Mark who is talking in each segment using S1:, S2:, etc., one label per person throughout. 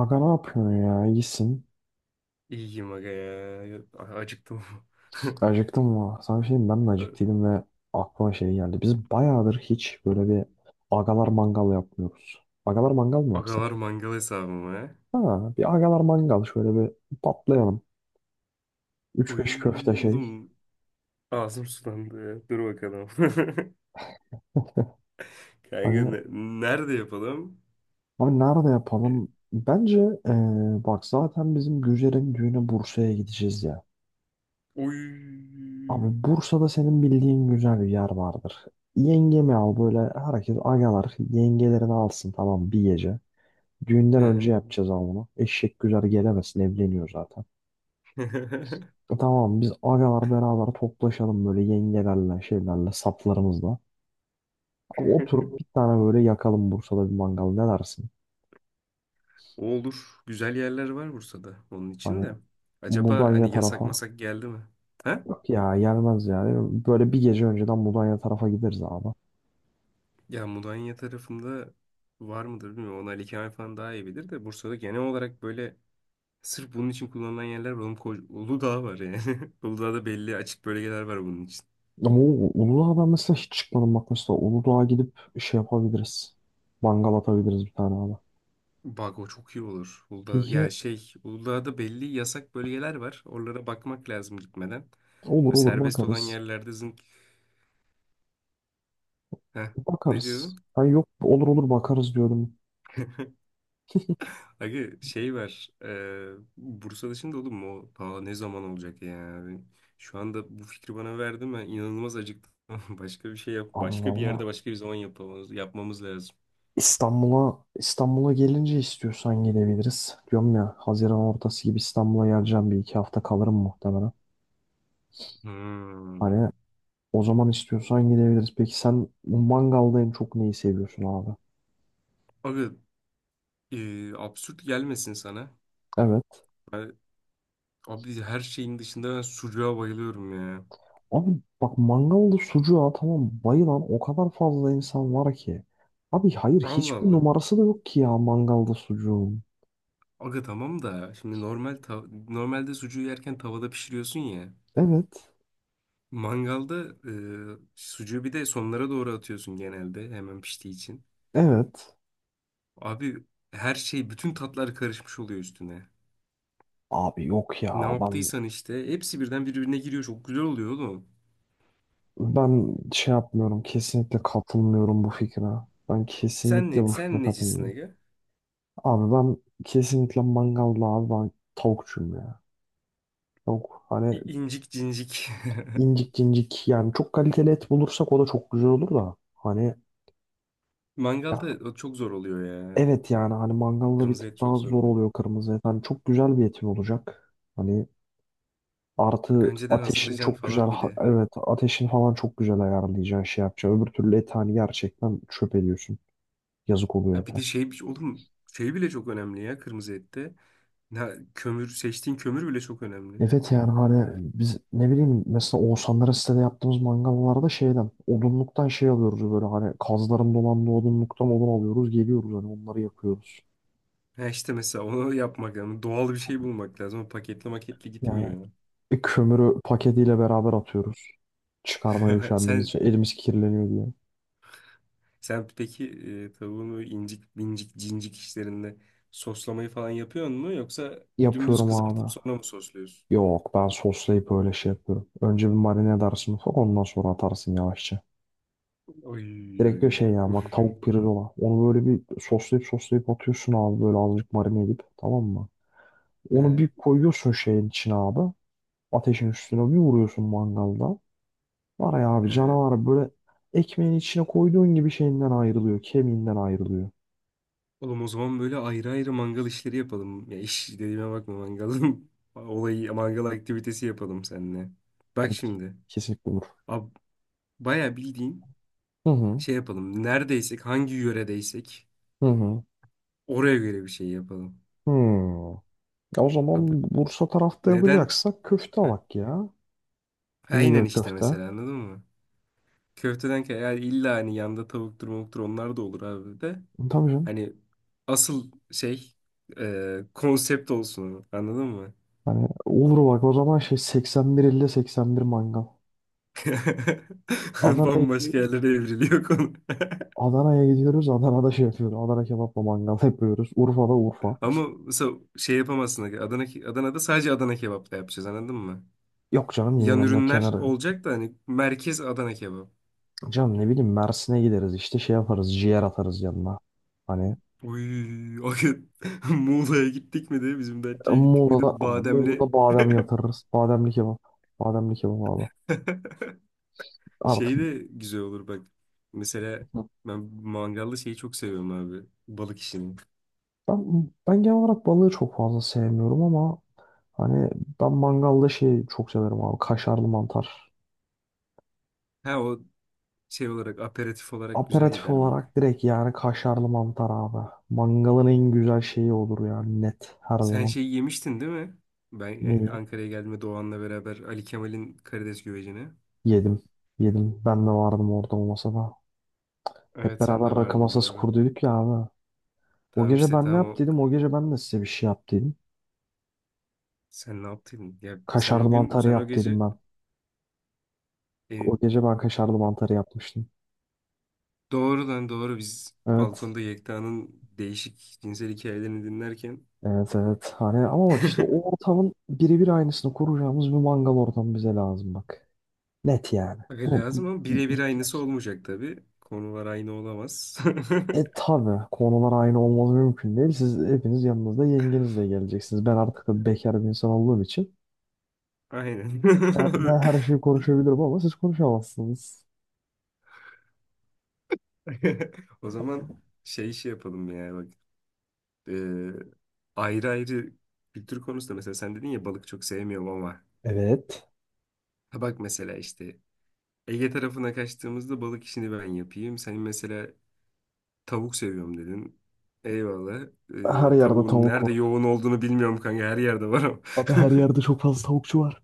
S1: Aga ne yapıyorsun ya? İyisin.
S2: İyiyim aga ya. Acıktım.
S1: Acıktım mı? Sana bir şey diyeyim, ben de acıktıydım ve aklıma şey geldi. Biz bayağıdır hiç böyle bir agalar mangal yapmıyoruz. Agalar mangal mı
S2: Agalar
S1: yapsak?
S2: mangal hesabıma. Ha.
S1: Ha, bir agalar mangal şöyle bir patlayalım. Üç beş köfte
S2: Uy
S1: şey.
S2: oğlum, ağzım sulandı ya. Dur bakalım. Kanka
S1: Hani
S2: nerede yapalım?
S1: abi nerede
S2: E,
S1: yapalım? Bence ee, bak zaten bizim Güzel'in düğüne Bursa'ya gideceğiz ya.
S2: Uy.
S1: Abi Bursa'da senin bildiğin güzel bir yer vardır. Yengemi al, böyle herkes agalar yengelerini alsın, tamam, bir gece. Düğünden
S2: He.
S1: önce yapacağız ama bunu. Eşek güzel gelemesin, evleniyor zaten. E tamam, biz agalar beraber toplaşalım böyle yengelerle şeylerle saplarımızla. Oturup bir tane böyle yakalım Bursa'da bir mangal, ne dersin?
S2: Olur. Güzel yerler var Bursa'da. Onun için
S1: Hani
S2: de. Acaba
S1: Mudanya
S2: hani yasak
S1: tarafa.
S2: masak geldi mi? Ha?
S1: Yok ya, gelmez yani. Böyle bir gece önceden Mudanya tarafa gideriz abi.
S2: Ya Mudanya tarafında var mıdır bilmiyorum. Onu Ali Kemal falan daha iyi bilir de Bursa'da genel olarak böyle sırf bunun için kullanılan yerler var. Oğlum koca, Uludağ var yani. Uludağ'da belli açık bölgeler var bunun için.
S1: Ama o Uludağ'a ben mesela hiç çıkmadım, bak mesela Uludağ'a gidip şey yapabiliriz. Mangal atabiliriz bir tane abi.
S2: Bak, o çok iyi olur. Uludağ,
S1: Peki,
S2: yani şey, Uludağ'da belli yasak bölgeler var. Oralara bakmak lazım gitmeden.
S1: olur
S2: Böyle
S1: olur
S2: serbest olan
S1: bakarız.
S2: yerlerde zınk. Heh, ne
S1: Bakarız.
S2: diyordun?
S1: Ha yok, olur olur bakarız diyorum.
S2: Aga şey var. Bursa dışında oğlum mu? O? Aa, ne zaman olacak ya? Yani şu anda bu fikri bana verdi. Ben inanılmaz acıktım. Başka bir şey yap.
S1: Abi
S2: Başka bir
S1: valla
S2: yerde başka bir zaman yapmamız lazım.
S1: İstanbul'a gelince istiyorsan gelebiliriz. Diyorum ya, Haziran ortası gibi İstanbul'a geleceğim, bir iki hafta kalırım muhtemelen. Hani
S2: Hmm.
S1: o zaman istiyorsan gidebiliriz. Peki sen bu mangalda en çok neyi seviyorsun abi?
S2: Abi, absürt gelmesin sana.
S1: Evet.
S2: Ben, abi her şeyin dışında ben sucuğa bayılıyorum ya.
S1: Abi bak, mangalda sucuğa tamam, bayılan o kadar fazla insan var ki. Abi hayır,
S2: Allah
S1: hiçbir
S2: Allah.
S1: numarası da yok ki ya mangalda sucuğun.
S2: Aga tamam da şimdi normalde sucuğu yerken tavada pişiriyorsun ya.
S1: Evet.
S2: Mangalda sucuğu bir de sonlara doğru atıyorsun genelde hemen piştiği için.
S1: Evet.
S2: Abi her şey, bütün tatlar karışmış oluyor üstüne.
S1: Abi yok
S2: Ne
S1: ya, ben
S2: yaptıysan işte hepsi birden birbirine giriyor, çok güzel oluyor oğlum.
S1: Ben şey yapmıyorum. Kesinlikle katılmıyorum bu fikre. Ben
S2: Sen ne,
S1: kesinlikle bu fikre
S2: necisin
S1: katılmıyorum.
S2: aga?
S1: Abi ben kesinlikle mangalda, abi ben tavukçuyum ya. Tavuk hani
S2: İncik cincik.
S1: incik incik, yani çok kaliteli et bulursak o da çok güzel olur da. Hani ya
S2: Mangalda o çok zor oluyor ya.
S1: evet, yani hani mangalda bir
S2: Kırmızı et
S1: tık daha
S2: çok zor
S1: zor
S2: oluyor.
S1: oluyor kırmızı et. Hani çok güzel bir etin olacak. Hani artı
S2: Önceden
S1: ateşin
S2: hazırlayacaksın
S1: çok güzel
S2: falan bir de.
S1: evet, ateşin falan çok güzel ayarlayacaksın, şey yapacaksın. Öbür türlü et hani gerçekten çöp ediyorsun. Yazık oluyor
S2: Ya
S1: et.
S2: bir de şey oğlum, şey bile çok önemli ya kırmızı ette. Ya kömür, seçtiğin kömür bile çok önemli.
S1: Evet, yani hani biz ne bileyim, mesela Oğuzhanlara sitede yaptığımız mangallarda şeyden, odunluktan şey alıyoruz, böyle hani kazların dolandığı odunluktan odun alıyoruz geliyoruz, hani onları yakıyoruz.
S2: Ha işte, mesela onu yapmak lazım. Doğal bir şey bulmak lazım. O paketli maketli
S1: Yani
S2: gitmiyor.
S1: kömürü paketiyle beraber atıyoruz. Çıkarmaya üşendiğimiz
S2: Sen
S1: için, elimiz kirleniyor diye.
S2: sen peki, tavuğun böyle incik bincik, cincik işlerinde soslamayı falan yapıyor mu, yoksa dümdüz
S1: Yapıyorum
S2: kızartıp
S1: abi.
S2: sonra mı sosluyorsun?
S1: Yok, ben soslayıp öyle şey yapıyorum. Önce bir marine edersin ufak, ondan sonra atarsın yavaşça.
S2: Oy,
S1: Direkt
S2: oy,
S1: bir
S2: oy.
S1: şey ya, bak tavuk pirzola. Onu böyle bir soslayıp soslayıp atıyorsun abi, böyle azıcık marine edip, tamam mı?
S2: He,
S1: Onu bir koyuyorsun şeyin içine abi. Ateşin üstüne bir vuruyorsun mangalda. Var ya abi,
S2: he.
S1: canavar, böyle ekmeğin içine koyduğun gibi şeyinden ayrılıyor. Kemiğinden ayrılıyor.
S2: Oğlum, o zaman böyle ayrı ayrı mangal işleri yapalım. Ya iş dediğime bakma, mangalın olayı, mangal aktivitesi yapalım seninle. Bak
S1: Abi
S2: şimdi.
S1: kesinlikle olur.
S2: Ab, bayağı bildiğin
S1: Hı hı.
S2: şey yapalım. Neredeysek, hangi yöredeysek
S1: Hı hı.
S2: oraya göre bir şey yapalım.
S1: Hı. Ya o
S2: Abi
S1: zaman Bursa tarafta
S2: neden?
S1: yapacaksak köfte
S2: Heh,
S1: alak ya.
S2: aynen
S1: İnegöl
S2: işte,
S1: köfte.
S2: mesela anladın mı? Köfteden kay yani, illa hani yanda tavuktur mavuktur onlar da olur abi de.
S1: Tabii canım.
S2: Hani asıl şey, konsept olsun o, anladın mı?
S1: Hani olur bak, o zaman şey 81 50 81 mangal. Adana'ya
S2: Bambaşka
S1: gidiyoruz.
S2: yerlere evriliyor konu.
S1: Adana'ya gidiyoruz. Adana'da şey yapıyoruz. Adana kebapla mangal yapıyoruz. Urfa'da Urfa.
S2: Ama mesela şey yapamazsın. Adana'da sadece Adana kebap da yapacağız, anladın mı?
S1: Yok canım, yine
S2: Yan
S1: yanına
S2: ürünler
S1: kenarı.
S2: olacak da hani, merkez Adana kebap.
S1: Canım ne bileyim, Mersin'e gideriz işte şey yaparız, ciğer atarız yanına. Hani
S2: Uy, o gün Muğla'ya gittik mi de bizim Datça'ya gittik mi
S1: Muğla'da,
S2: de bademli
S1: Muğla'da badem yatırırız. Bademli kebap. Bademli kebap abi. Artık
S2: şey de güzel olur bak. Mesela ben mangallı şeyi çok seviyorum abi. Balık işini.
S1: ben genel olarak balığı çok fazla sevmiyorum ama hani ben mangalda şeyi çok severim abi, kaşarlı mantar.
S2: Ha, o şey olarak, aperatif olarak güzel
S1: Aperatif
S2: gider bak.
S1: olarak direkt yani, kaşarlı mantar abi. Mangalın en güzel şeyi olur yani, net, her
S2: Sen
S1: zaman.
S2: şey yemiştin değil mi? Ben
S1: Neyi?
S2: Ankara'ya geldiğimde Doğan'la beraber Ali Kemal'in karides güvecini.
S1: Yedim. Yedim. Ben de vardım orada, o masada. Hep
S2: Evet, sen de
S1: beraber rakı
S2: vardın,
S1: masası
S2: doğru.
S1: kurduyduk ya abi. O
S2: Tamam
S1: gece
S2: işte,
S1: ben ne
S2: tamam
S1: yap
S2: o.
S1: dedim? O gece ben de size bir şey yap dedim.
S2: Sen ne yaptın? Ya sen
S1: Kaşarlı
S2: o gün,
S1: mantarı
S2: o
S1: yap dedim
S2: gece
S1: ben.
S2: e,
S1: O gece ben kaşarlı mantarı yapmıştım.
S2: doğru lan, doğru, biz
S1: Evet.
S2: balkonda Yekta'nın değişik cinsel hikayelerini dinlerken
S1: Evet evet. Hani ama bak işte, o ortamın birebir aynısını kuracağımız bir mangal ortamı bize lazım bak. Net yani.
S2: aga
S1: Bu, bu,
S2: lazım, ama
S1: bu
S2: birebir aynısı
S1: ihtiyaç.
S2: olmayacak tabii. Konular aynı olamaz.
S1: E tabi konular aynı olmaz, mümkün değil. Siz hepiniz yanınızda yengenizle geleceksiniz. Ben artık da bekar bir insan olduğum için
S2: Aynen.
S1: ben her şeyi konuşabilirim ama siz konuşamazsınız.
S2: O zaman şey yapalım ya bak. e, Ayrı ayrı kültür konusunda, mesela sen dedin ya balık çok sevmiyorum ama,
S1: Evet.
S2: ha bak mesela işte, Ege tarafına kaçtığımızda balık işini ben yapayım. Sen mesela tavuk seviyorum dedin. Eyvallah.
S1: Her yerde
S2: Tavuğun
S1: tavuk
S2: nerede
S1: var.
S2: yoğun olduğunu bilmiyorum kanka, her yerde var ama.
S1: Abi her yerde çok fazla tavukçu var.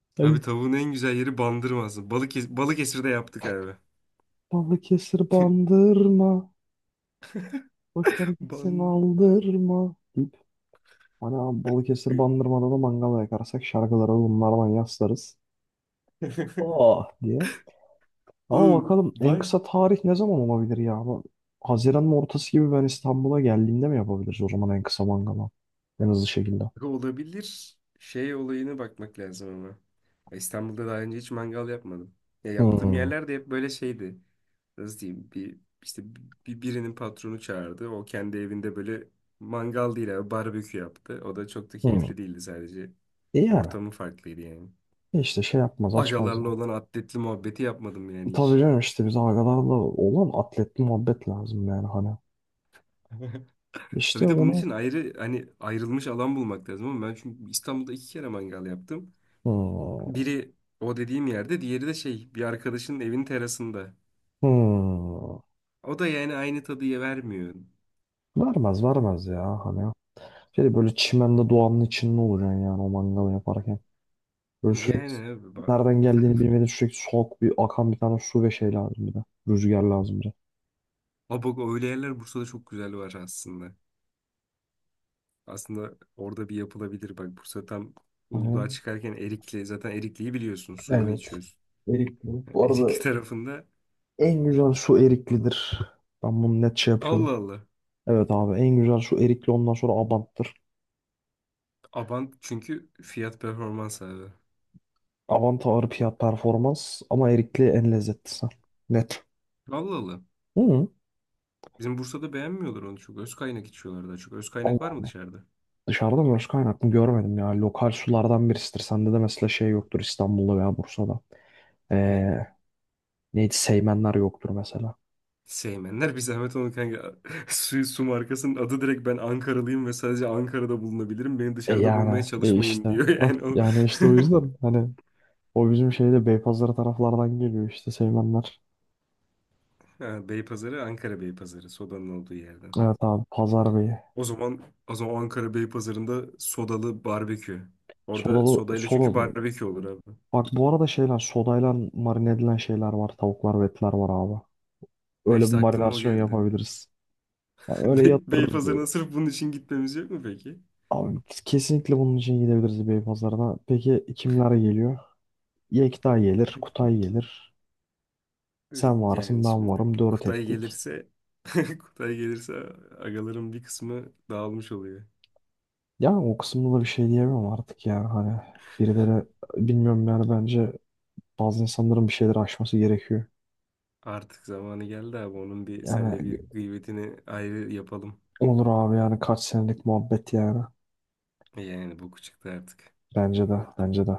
S2: Abi,
S1: Hani
S2: tavuğun en güzel yeri Bandırma'sı. Balık Balıkesir'de yaptık abi.
S1: Balıkesir bandırma. Boşver gitsin,
S2: Ban.
S1: aldırma. Deyip hani abi Balıkesir bandırmada da mangal yakarsak, şarkıları bunlardan yaslarız. Oh diye. Ama
S2: Oğlum
S1: bakalım en
S2: bak,
S1: kısa tarih ne zaman olabilir ya? Bu Haziran'ın ortası gibi ben İstanbul'a geldiğimde mi yapabiliriz o zaman en kısa mangalı? En hızlı şekilde.
S2: olabilir. Şey olayına bakmak lazım ama. Ya İstanbul'da daha önce hiç mangal yapmadım. Ya yaptığım
S1: Hmm.
S2: yerler de hep böyle şeydi. Nasıl diyeyim? Bir işte, birinin patronu çağırdı. O kendi evinde böyle mangal değil abi, barbekü yaptı. O da çok da
S1: Hmm.
S2: keyifli değildi sadece.
S1: E yani.
S2: Ortamı farklıydı yani.
S1: E işte şey yapmaz açmaz ya.
S2: Agalarla olan atletli muhabbeti yapmadım yani
S1: Tabii
S2: hiç.
S1: canım, işte biz agalarla olan atletli muhabbet lazım yani hani. İşte
S2: Bir de bunun
S1: onu
S2: için ayrı, hani ayrılmış alan bulmak lazım ama, ben çünkü İstanbul'da iki kere mangal yaptım.
S1: hmm,
S2: Biri o dediğim yerde, diğeri de şey, bir arkadaşının evin terasında.
S1: hmm,
S2: O da yani aynı tadıya vermiyor.
S1: vermez vermez ya hani. Şey böyle çimende, doğanın içinde olacaksın yani o mangalı yaparken. Böyle sürekli
S2: Yani abi bak.
S1: nereden geldiğini bilmeden, sürekli soğuk bir akan bir tane su ve şey lazım bir de. Rüzgar lazım bir de.
S2: Ama bak, öyle yerler Bursa'da çok güzel var aslında. Aslında orada bir yapılabilir bak. Bursa tam Uludağ'a
S1: Hani,
S2: çıkarken Erikli, zaten Erikli'yi biliyorsun, suyunu
S1: evet.
S2: içiyorsun.
S1: Erikli.
S2: Yani
S1: Bu
S2: Erikli
S1: arada
S2: tarafında.
S1: en güzel su eriklidir. Ben bunu net şey yapıyorum.
S2: Allah Allah.
S1: Evet abi, en güzel su erikli, ondan sonra abanttır.
S2: Abant çünkü fiyat performans abi.
S1: Avanta ağır fiyat performans ama erikli en lezzetlisi. Net.
S2: Allah Allah.
S1: Hı.
S2: Bizim Bursa'da beğenmiyorlar onu çok. Öz kaynak içiyorlar daha çok. Öz kaynak var
S1: Allah,
S2: mı dışarıda?
S1: dışarıda mı? Başka kaynaklı görmedim ya. Lokal sulardan birisidir. Sende de mesela şey yoktur İstanbul'da veya Bursa'da.
S2: Ne?
S1: Ee, neydi, Seymenler yoktur mesela.
S2: Seymenler bir zahmet onu kanka. Su markasının adı direkt, ben Ankaralıyım ve sadece Ankara'da bulunabilirim, beni
S1: E
S2: dışarıda bulmaya
S1: yani, e
S2: çalışmayın
S1: işte.
S2: diyor
S1: Hah,
S2: yani o.
S1: yani işte o yüzden hani o bizim şeyde Beypazarı taraflardan geliyor işte, Seymenler.
S2: Ha, Beypazarı, Ankara Beypazarı sodanın olduğu yerden.
S1: Evet abi, Pazar Bey'i.
S2: O zaman o zaman Ankara Beypazarı'nda sodalı barbekü. Orada
S1: Sodalı
S2: sodayla çünkü
S1: soda.
S2: barbekü olur abi.
S1: Bak, bu arada şeyler sodayla marine edilen şeyler var. Tavuklar ve etler var abi.
S2: Ha
S1: Öyle bir
S2: işte, aklıma o
S1: Marinasyon
S2: geldi.
S1: yapabiliriz. Yani öyle yatırırız böyle.
S2: Beypazarı'na sırf bunun için gitmemiz yok mu peki?
S1: Abi kesinlikle bunun için gidebiliriz Beypazarı'na. Peki kimler geliyor? Yekta gelir, Kutay gelir. Sen varsın,
S2: Yani
S1: ben
S2: şimdi
S1: varım. Dört
S2: Kutay
S1: ettik.
S2: gelirse Kutay gelirse agaların bir kısmı dağılmış oluyor.
S1: Yani o kısımda da bir şey diyemem artık yani. Hani birileri, bilmiyorum yani, bence bazı insanların bir şeyleri aşması gerekiyor.
S2: Artık zamanı geldi abi. Onun bir seninle
S1: Yani
S2: bir gıybetini ayrı yapalım.
S1: olur abi, yani kaç senelik muhabbet yani.
S2: Yani bu küçüktü artık.
S1: Bence de, bence de.